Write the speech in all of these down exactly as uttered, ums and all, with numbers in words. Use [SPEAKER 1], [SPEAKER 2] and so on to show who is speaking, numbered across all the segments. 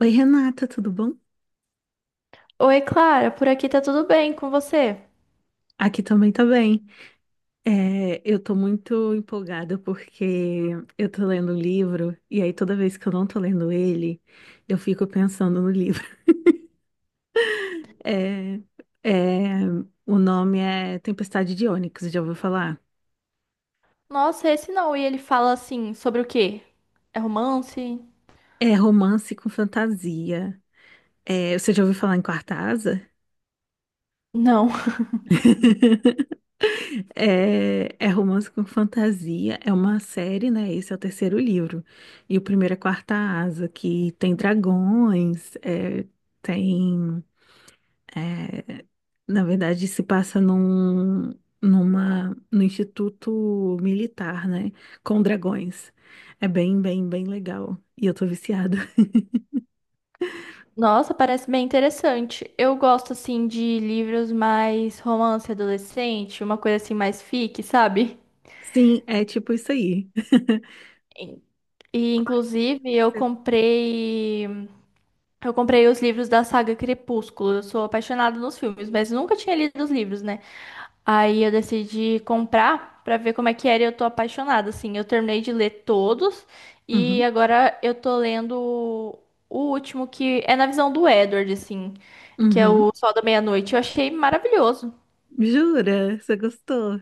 [SPEAKER 1] Oi, Renata, tudo bom?
[SPEAKER 2] Oi, Clara, por aqui tá tudo bem com você?
[SPEAKER 1] Aqui também tá bem. É, eu tô muito empolgada porque eu tô lendo um livro e aí toda vez que eu não tô lendo ele, eu fico pensando no livro. É, é, o nome é Tempestade de Ônix, já ouviu falar?
[SPEAKER 2] Nossa, esse não. E ele fala assim, sobre o quê? É romance?
[SPEAKER 1] É romance com fantasia. É, você já ouviu falar em Quarta Asa?
[SPEAKER 2] Não.
[SPEAKER 1] É, é romance com fantasia, é uma série, né? Esse é o terceiro livro. E o primeiro é Quarta Asa, que tem dragões, é, tem. é, na verdade, se passa num, numa, no Instituto Militar, né? Com dragões. É bem, bem, bem legal. E eu tô viciada.
[SPEAKER 2] Nossa, parece bem interessante. Eu gosto assim de livros mais romance adolescente, uma coisa assim mais fic, sabe?
[SPEAKER 1] Sim, é tipo isso aí.
[SPEAKER 2] E e,
[SPEAKER 1] Qual é que
[SPEAKER 2] inclusive eu
[SPEAKER 1] você-
[SPEAKER 2] comprei eu comprei os livros da saga Crepúsculo. Eu sou apaixonada nos filmes, mas nunca tinha lido os livros, né? Aí eu decidi comprar pra ver como é que era e eu tô apaixonada, assim. Eu terminei de ler todos e
[SPEAKER 1] Uhum,
[SPEAKER 2] agora eu tô lendo o último que é na visão do Edward, assim, que é
[SPEAKER 1] uhum.
[SPEAKER 2] o Sol da Meia-Noite. Eu achei maravilhoso.
[SPEAKER 1] Jura? Você gostou?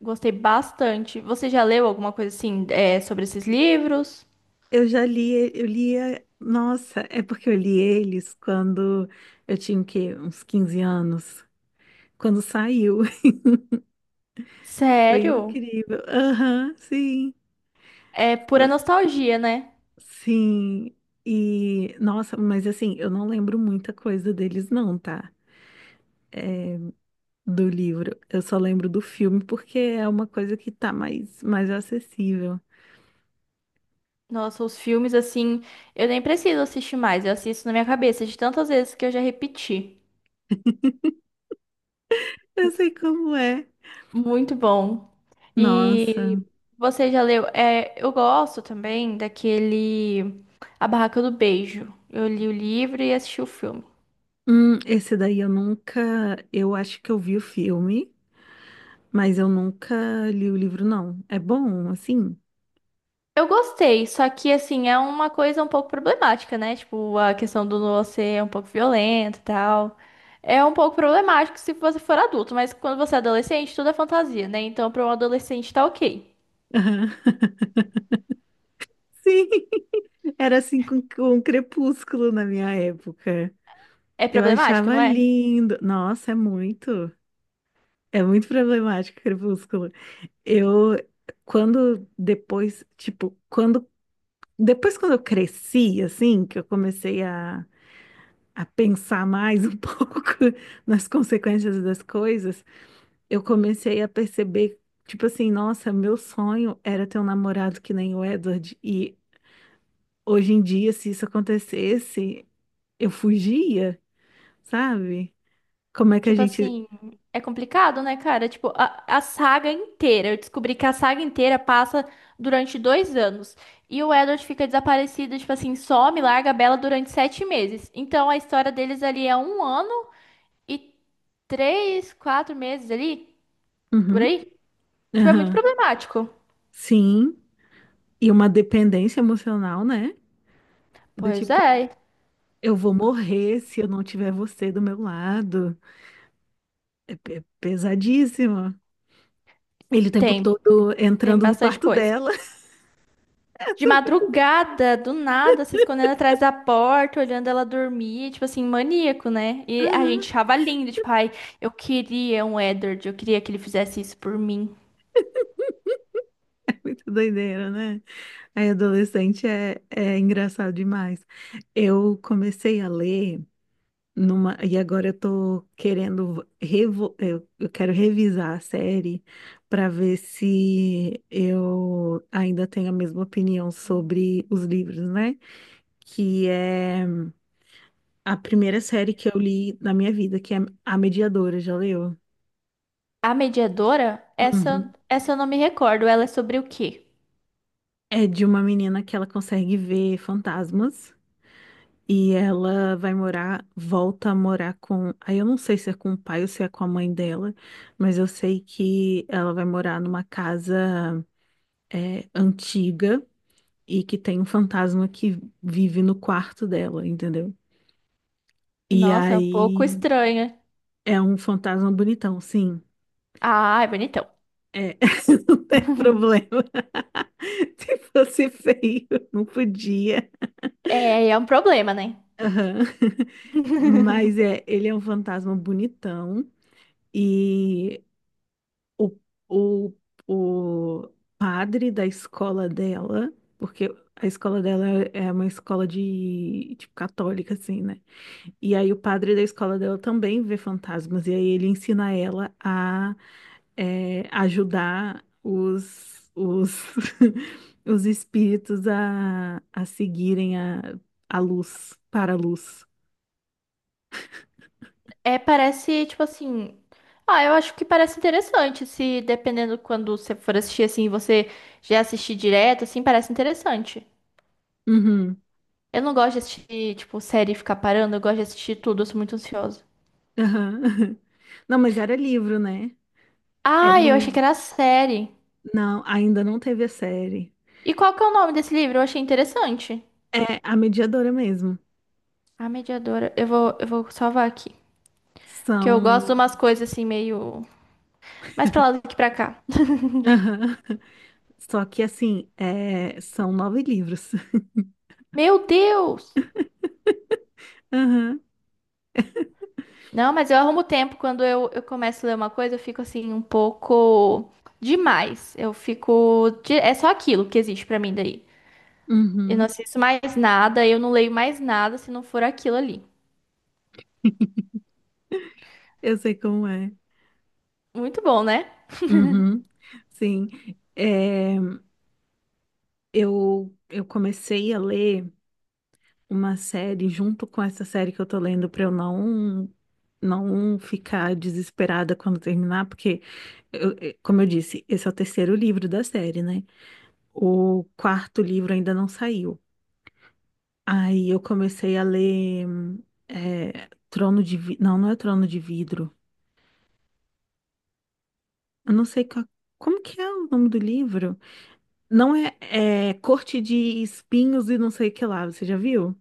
[SPEAKER 2] Gostei bastante. Você já leu alguma coisa assim, é, sobre esses livros?
[SPEAKER 1] Eu já li, e- eu lia, nossa, é porque eu li eles quando eu tinha o quê? Uns quinze anos, quando saiu. Foi
[SPEAKER 2] Sério?
[SPEAKER 1] incrível. Aham, sim.
[SPEAKER 2] É pura
[SPEAKER 1] Fo-
[SPEAKER 2] nostalgia, né?
[SPEAKER 1] Sim. E, nossa, mas assim, eu não lembro muita coisa deles não, tá? Do livro. Eu só lembro do filme porque é uma coisa que tá mais mais acessível.
[SPEAKER 2] Nossa, os filmes assim, eu nem preciso assistir mais, eu assisto na minha cabeça de tantas vezes que eu já repeti.
[SPEAKER 1] Eu sei como é.
[SPEAKER 2] Muito bom. E
[SPEAKER 1] Nossa.
[SPEAKER 2] você já leu? É, eu gosto também daquele A Barraca do Beijo. Eu li o livro e assisti o filme.
[SPEAKER 1] Hum, esse daí eu nunca, eu acho que eu vi o filme. Mas eu nunca li o livro, não. É bom, assim?
[SPEAKER 2] Eu gostei, só que assim, é uma coisa um pouco problemática, né? Tipo, a questão do você é um pouco violento e tal. É um pouco problemático se você for adulto, mas quando você é adolescente, tudo é fantasia, né? Então, para um adolescente tá ok.
[SPEAKER 1] Aham. Sim, era assim com, com um Crepúsculo na minha época.
[SPEAKER 2] É
[SPEAKER 1] Eu
[SPEAKER 2] problemático,
[SPEAKER 1] achava
[SPEAKER 2] não é?
[SPEAKER 1] lindo. Nossa, é muito. É muito problemático Crepúsculo. Eu, quando depois, tipo, quando. Depois, quando eu cresci, assim, que eu comecei a, a pensar mais um pouco nas consequências das coisas, eu comecei a perceber, tipo assim, nossa, meu sonho era ter um namorado que nem o Edward. E hoje em dia, se isso acontecesse, eu fugia, sabe? Como é que a
[SPEAKER 2] Tipo
[SPEAKER 1] gente.
[SPEAKER 2] assim, é complicado, né, cara? Tipo, a, a saga inteira. Eu descobri que a saga inteira passa durante dois anos. E o Edward fica desaparecido, tipo assim, some, larga a Bella durante sete meses. Então a história deles ali é um ano e três, quatro meses ali, por
[SPEAKER 1] Uhum,
[SPEAKER 2] aí. Tipo, é muito
[SPEAKER 1] aham,
[SPEAKER 2] problemático.
[SPEAKER 1] Sim. E uma dependência emocional, né? Do
[SPEAKER 2] Pois
[SPEAKER 1] tipo,
[SPEAKER 2] é,
[SPEAKER 1] eu vou morrer se eu não tiver você do meu lado. É pe- pesadíssimo. Ele o tempo
[SPEAKER 2] tem,
[SPEAKER 1] todo
[SPEAKER 2] tem
[SPEAKER 1] entrando no
[SPEAKER 2] bastante
[SPEAKER 1] quarto
[SPEAKER 2] coisa.
[SPEAKER 1] dela.
[SPEAKER 2] De madrugada, do nada, se escondendo atrás da porta, olhando ela dormir, tipo assim, maníaco, né? E a
[SPEAKER 1] Aham,
[SPEAKER 2] gente achava lindo, tipo, ai, eu queria um Edward, eu queria que ele fizesse isso por mim.
[SPEAKER 1] Muito doideira, né? Aí, adolescente é, é engraçado demais. Eu comecei a ler numa, e agora eu tô querendo revo, eu, eu quero revisar a série para ver se eu ainda tenho a mesma opinião sobre os livros, né? Que é a primeira série que eu li na minha vida, que é A Mediadora, já leu?
[SPEAKER 2] A mediadora, essa,
[SPEAKER 1] Uhum.
[SPEAKER 2] essa eu não me recordo, ela é sobre o quê?
[SPEAKER 1] É de uma menina que ela consegue ver fantasmas. E ela vai morar, volta a morar com. Aí eu não sei se é com o pai ou se é com a mãe dela, mas eu sei que ela vai morar numa casa é, antiga e que tem um fantasma que vive no quarto dela, entendeu? E
[SPEAKER 2] Nossa, é um pouco
[SPEAKER 1] aí
[SPEAKER 2] estranha.
[SPEAKER 1] é um fantasma bonitão, sim.
[SPEAKER 2] Ah, é bonitão.
[SPEAKER 1] É, não tem problema. Se fosse feio, não podia.
[SPEAKER 2] É, é um problema, né?
[SPEAKER 1] Aham. Mas é, ele é um fantasma bonitão. E o, o, o padre da escola dela, porque a escola dela é uma escola de, tipo, católica, assim, né? E aí o padre da escola dela também vê fantasmas, e aí ele ensina ela a é, ajudar os, os, os espíritos a, a seguirem a, a luz, para a luz.
[SPEAKER 2] É, parece, tipo assim. Ah, eu acho que parece interessante. Se dependendo quando você for assistir assim, você já assistir direto, assim, parece interessante.
[SPEAKER 1] Uhum,
[SPEAKER 2] Eu não gosto de assistir, tipo, série e ficar parando, eu gosto de assistir tudo, eu sou muito ansiosa.
[SPEAKER 1] aham. Não, mas era livro, né? É
[SPEAKER 2] Ah, eu achei que
[SPEAKER 1] livro.
[SPEAKER 2] era série.
[SPEAKER 1] Não, ainda não teve a série.
[SPEAKER 2] E qual que é o nome desse livro? Eu achei interessante.
[SPEAKER 1] É a mediadora mesmo.
[SPEAKER 2] A Mediadora. Eu vou, eu vou salvar aqui. Porque eu gosto de
[SPEAKER 1] São.
[SPEAKER 2] umas coisas assim, meio. Mais pra lá do que pra cá.
[SPEAKER 1] Aham. Só que assim, é, são nove livros.
[SPEAKER 2] Meu Deus!
[SPEAKER 1] Aham.
[SPEAKER 2] Não, mas eu arrumo tempo. Quando eu, eu começo a ler uma coisa, eu fico assim, um pouco demais. Eu fico. de- É só aquilo que existe pra mim daí. Eu não
[SPEAKER 1] Uhum.
[SPEAKER 2] assisto mais nada, eu não leio mais nada se não for aquilo ali.
[SPEAKER 1] Eu sei como é.
[SPEAKER 2] Muito bom, né?
[SPEAKER 1] Uhum. Sim. É, eu, eu comecei a ler uma série junto com essa série que eu tô lendo para eu não não ficar desesperada quando terminar, porque eu- eu- como eu disse, esse é o terceiro livro da série, né? O quarto livro ainda não saiu. Aí eu comecei a ler é, Trono de Vi... Não, não é Trono de Vidro. Eu não sei qual- como que é o nome do livro. Não é, é Corte de Espinhos e não sei o que lá. Você já viu?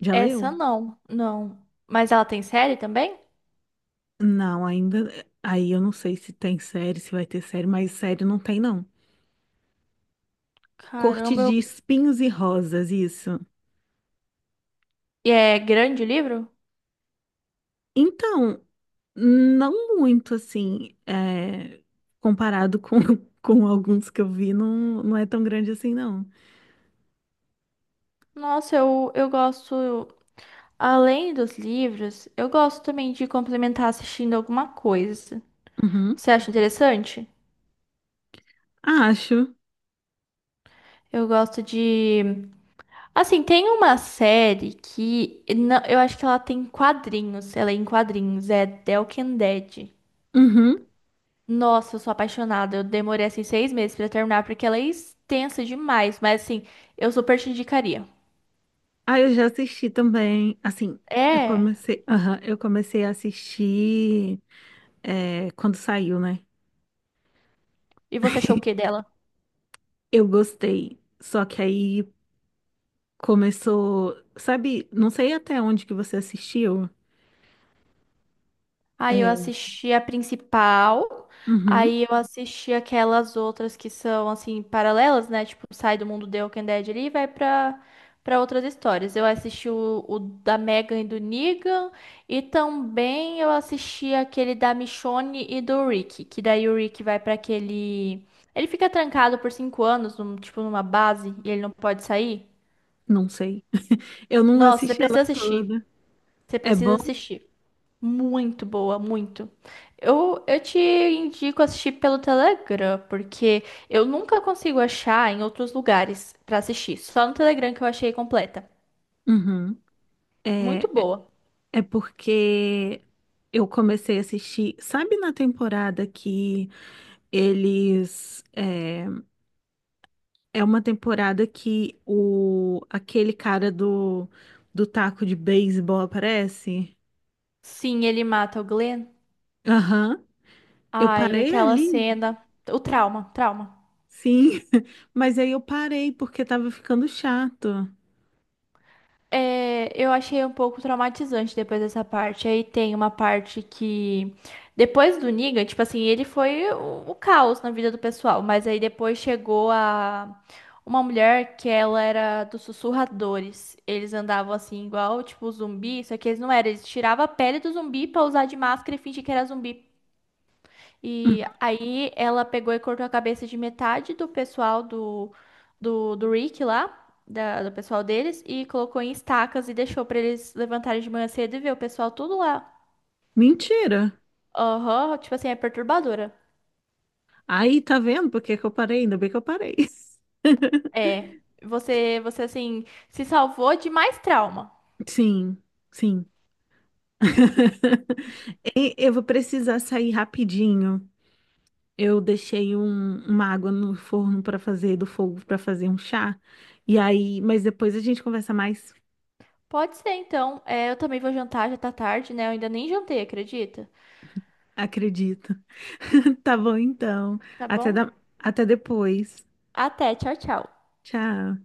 [SPEAKER 1] Já leu?
[SPEAKER 2] Essa não, não. Mas ela tem série também?
[SPEAKER 1] Não, ainda. Aí eu não sei se tem série, se vai ter série, mas série não tem, não. Corte
[SPEAKER 2] Caramba,
[SPEAKER 1] de
[SPEAKER 2] eu...
[SPEAKER 1] Espinhos e Rosas, isso.
[SPEAKER 2] E é grande o livro?
[SPEAKER 1] Então, não muito assim, é, comparado com, com alguns que eu vi, não, não é tão grande assim, não.
[SPEAKER 2] Nossa, eu, eu gosto. Além dos livros, eu gosto também de complementar assistindo alguma coisa.
[SPEAKER 1] Uhum.
[SPEAKER 2] Você acha interessante?
[SPEAKER 1] Acho.
[SPEAKER 2] Eu gosto de. Assim, tem uma série que não, eu acho que ela tem quadrinhos, ela é em quadrinhos, é The Walking Dead.
[SPEAKER 1] Uhum.
[SPEAKER 2] Nossa, eu sou apaixonada. Eu demorei assim seis meses pra terminar porque ela é extensa demais, mas assim, eu super te indicaria.
[SPEAKER 1] Ah, eu já assisti também. Assim, eu
[SPEAKER 2] É.
[SPEAKER 1] comecei, aham, eu comecei a assistir é, quando saiu, né?
[SPEAKER 2] E você achou o que dela?
[SPEAKER 1] Eu gostei. Só que aí começou, sabe? Não sei até onde que você assistiu.
[SPEAKER 2] Aí eu
[SPEAKER 1] É,
[SPEAKER 2] assisti a principal,
[SPEAKER 1] uhum,
[SPEAKER 2] aí eu assisti aquelas outras que são assim paralelas, né? Tipo, sai do mundo The Walking Dead ali e vai pra para outras histórias. Eu assisti o, o da Megan e do Negan e também eu assisti aquele da Michonne e do Rick, que daí o Rick vai pra aquele ele fica trancado por cinco anos, num- tipo numa base e ele não pode sair.
[SPEAKER 1] não sei. Eu não
[SPEAKER 2] Nossa, você
[SPEAKER 1] assisti ela
[SPEAKER 2] precisa assistir.
[SPEAKER 1] toda.
[SPEAKER 2] Você
[SPEAKER 1] É bom?
[SPEAKER 2] precisa assistir. Muito boa, muito. Eu, eu te indico assistir pelo Telegram, porque eu nunca consigo achar em outros lugares pra assistir. Só no Telegram que eu achei completa.
[SPEAKER 1] Uhum.
[SPEAKER 2] Muito
[SPEAKER 1] É,
[SPEAKER 2] boa.
[SPEAKER 1] é porque eu comecei a assistir, sabe na temporada que eles, é, É uma temporada que o aquele cara do, do taco de beisebol aparece.
[SPEAKER 2] Sim, ele mata o Glenn.
[SPEAKER 1] Aham. Eu
[SPEAKER 2] Ai,
[SPEAKER 1] parei
[SPEAKER 2] aquela
[SPEAKER 1] ali,
[SPEAKER 2] cena. O trauma, trauma.
[SPEAKER 1] sim. Mas aí eu parei porque tava ficando chato.
[SPEAKER 2] É, eu achei um pouco traumatizante depois dessa parte. Aí tem uma parte que. Depois do Negan, tipo assim, ele foi o, o caos na vida do pessoal. Mas aí depois chegou a uma mulher que ela era dos sussurradores. Eles andavam assim, igual, tipo, zumbi, só que eles não eram. Eles tiravam a pele do zumbi pra usar de máscara e fingir que era zumbi. E
[SPEAKER 1] Uhum.
[SPEAKER 2] aí ela pegou e cortou a cabeça de metade do pessoal do, do, do Rick lá, da- do pessoal deles, e colocou em estacas e deixou pra eles levantarem de manhã cedo e ver o pessoal tudo lá.
[SPEAKER 1] Mentira.
[SPEAKER 2] Aham, tipo assim, é perturbadora.
[SPEAKER 1] Aí tá vendo por que que eu parei? Ainda bem que eu parei.
[SPEAKER 2] É, você, você assim, se salvou de mais trauma.
[SPEAKER 1] Sim, sim. E eu vou precisar sair rapidinho. Eu deixei um- uma água no forno para fazer do fogo para fazer um chá. E aí, mas depois a gente conversa mais,
[SPEAKER 2] Pode ser, então. É, eu também vou jantar, já tá tarde, né? Eu ainda nem jantei, acredita?
[SPEAKER 1] acredito. Tá bom então.
[SPEAKER 2] Tá
[SPEAKER 1] Até
[SPEAKER 2] bom?
[SPEAKER 1] da- até depois.
[SPEAKER 2] Até, tchau, tchau.
[SPEAKER 1] Tchau.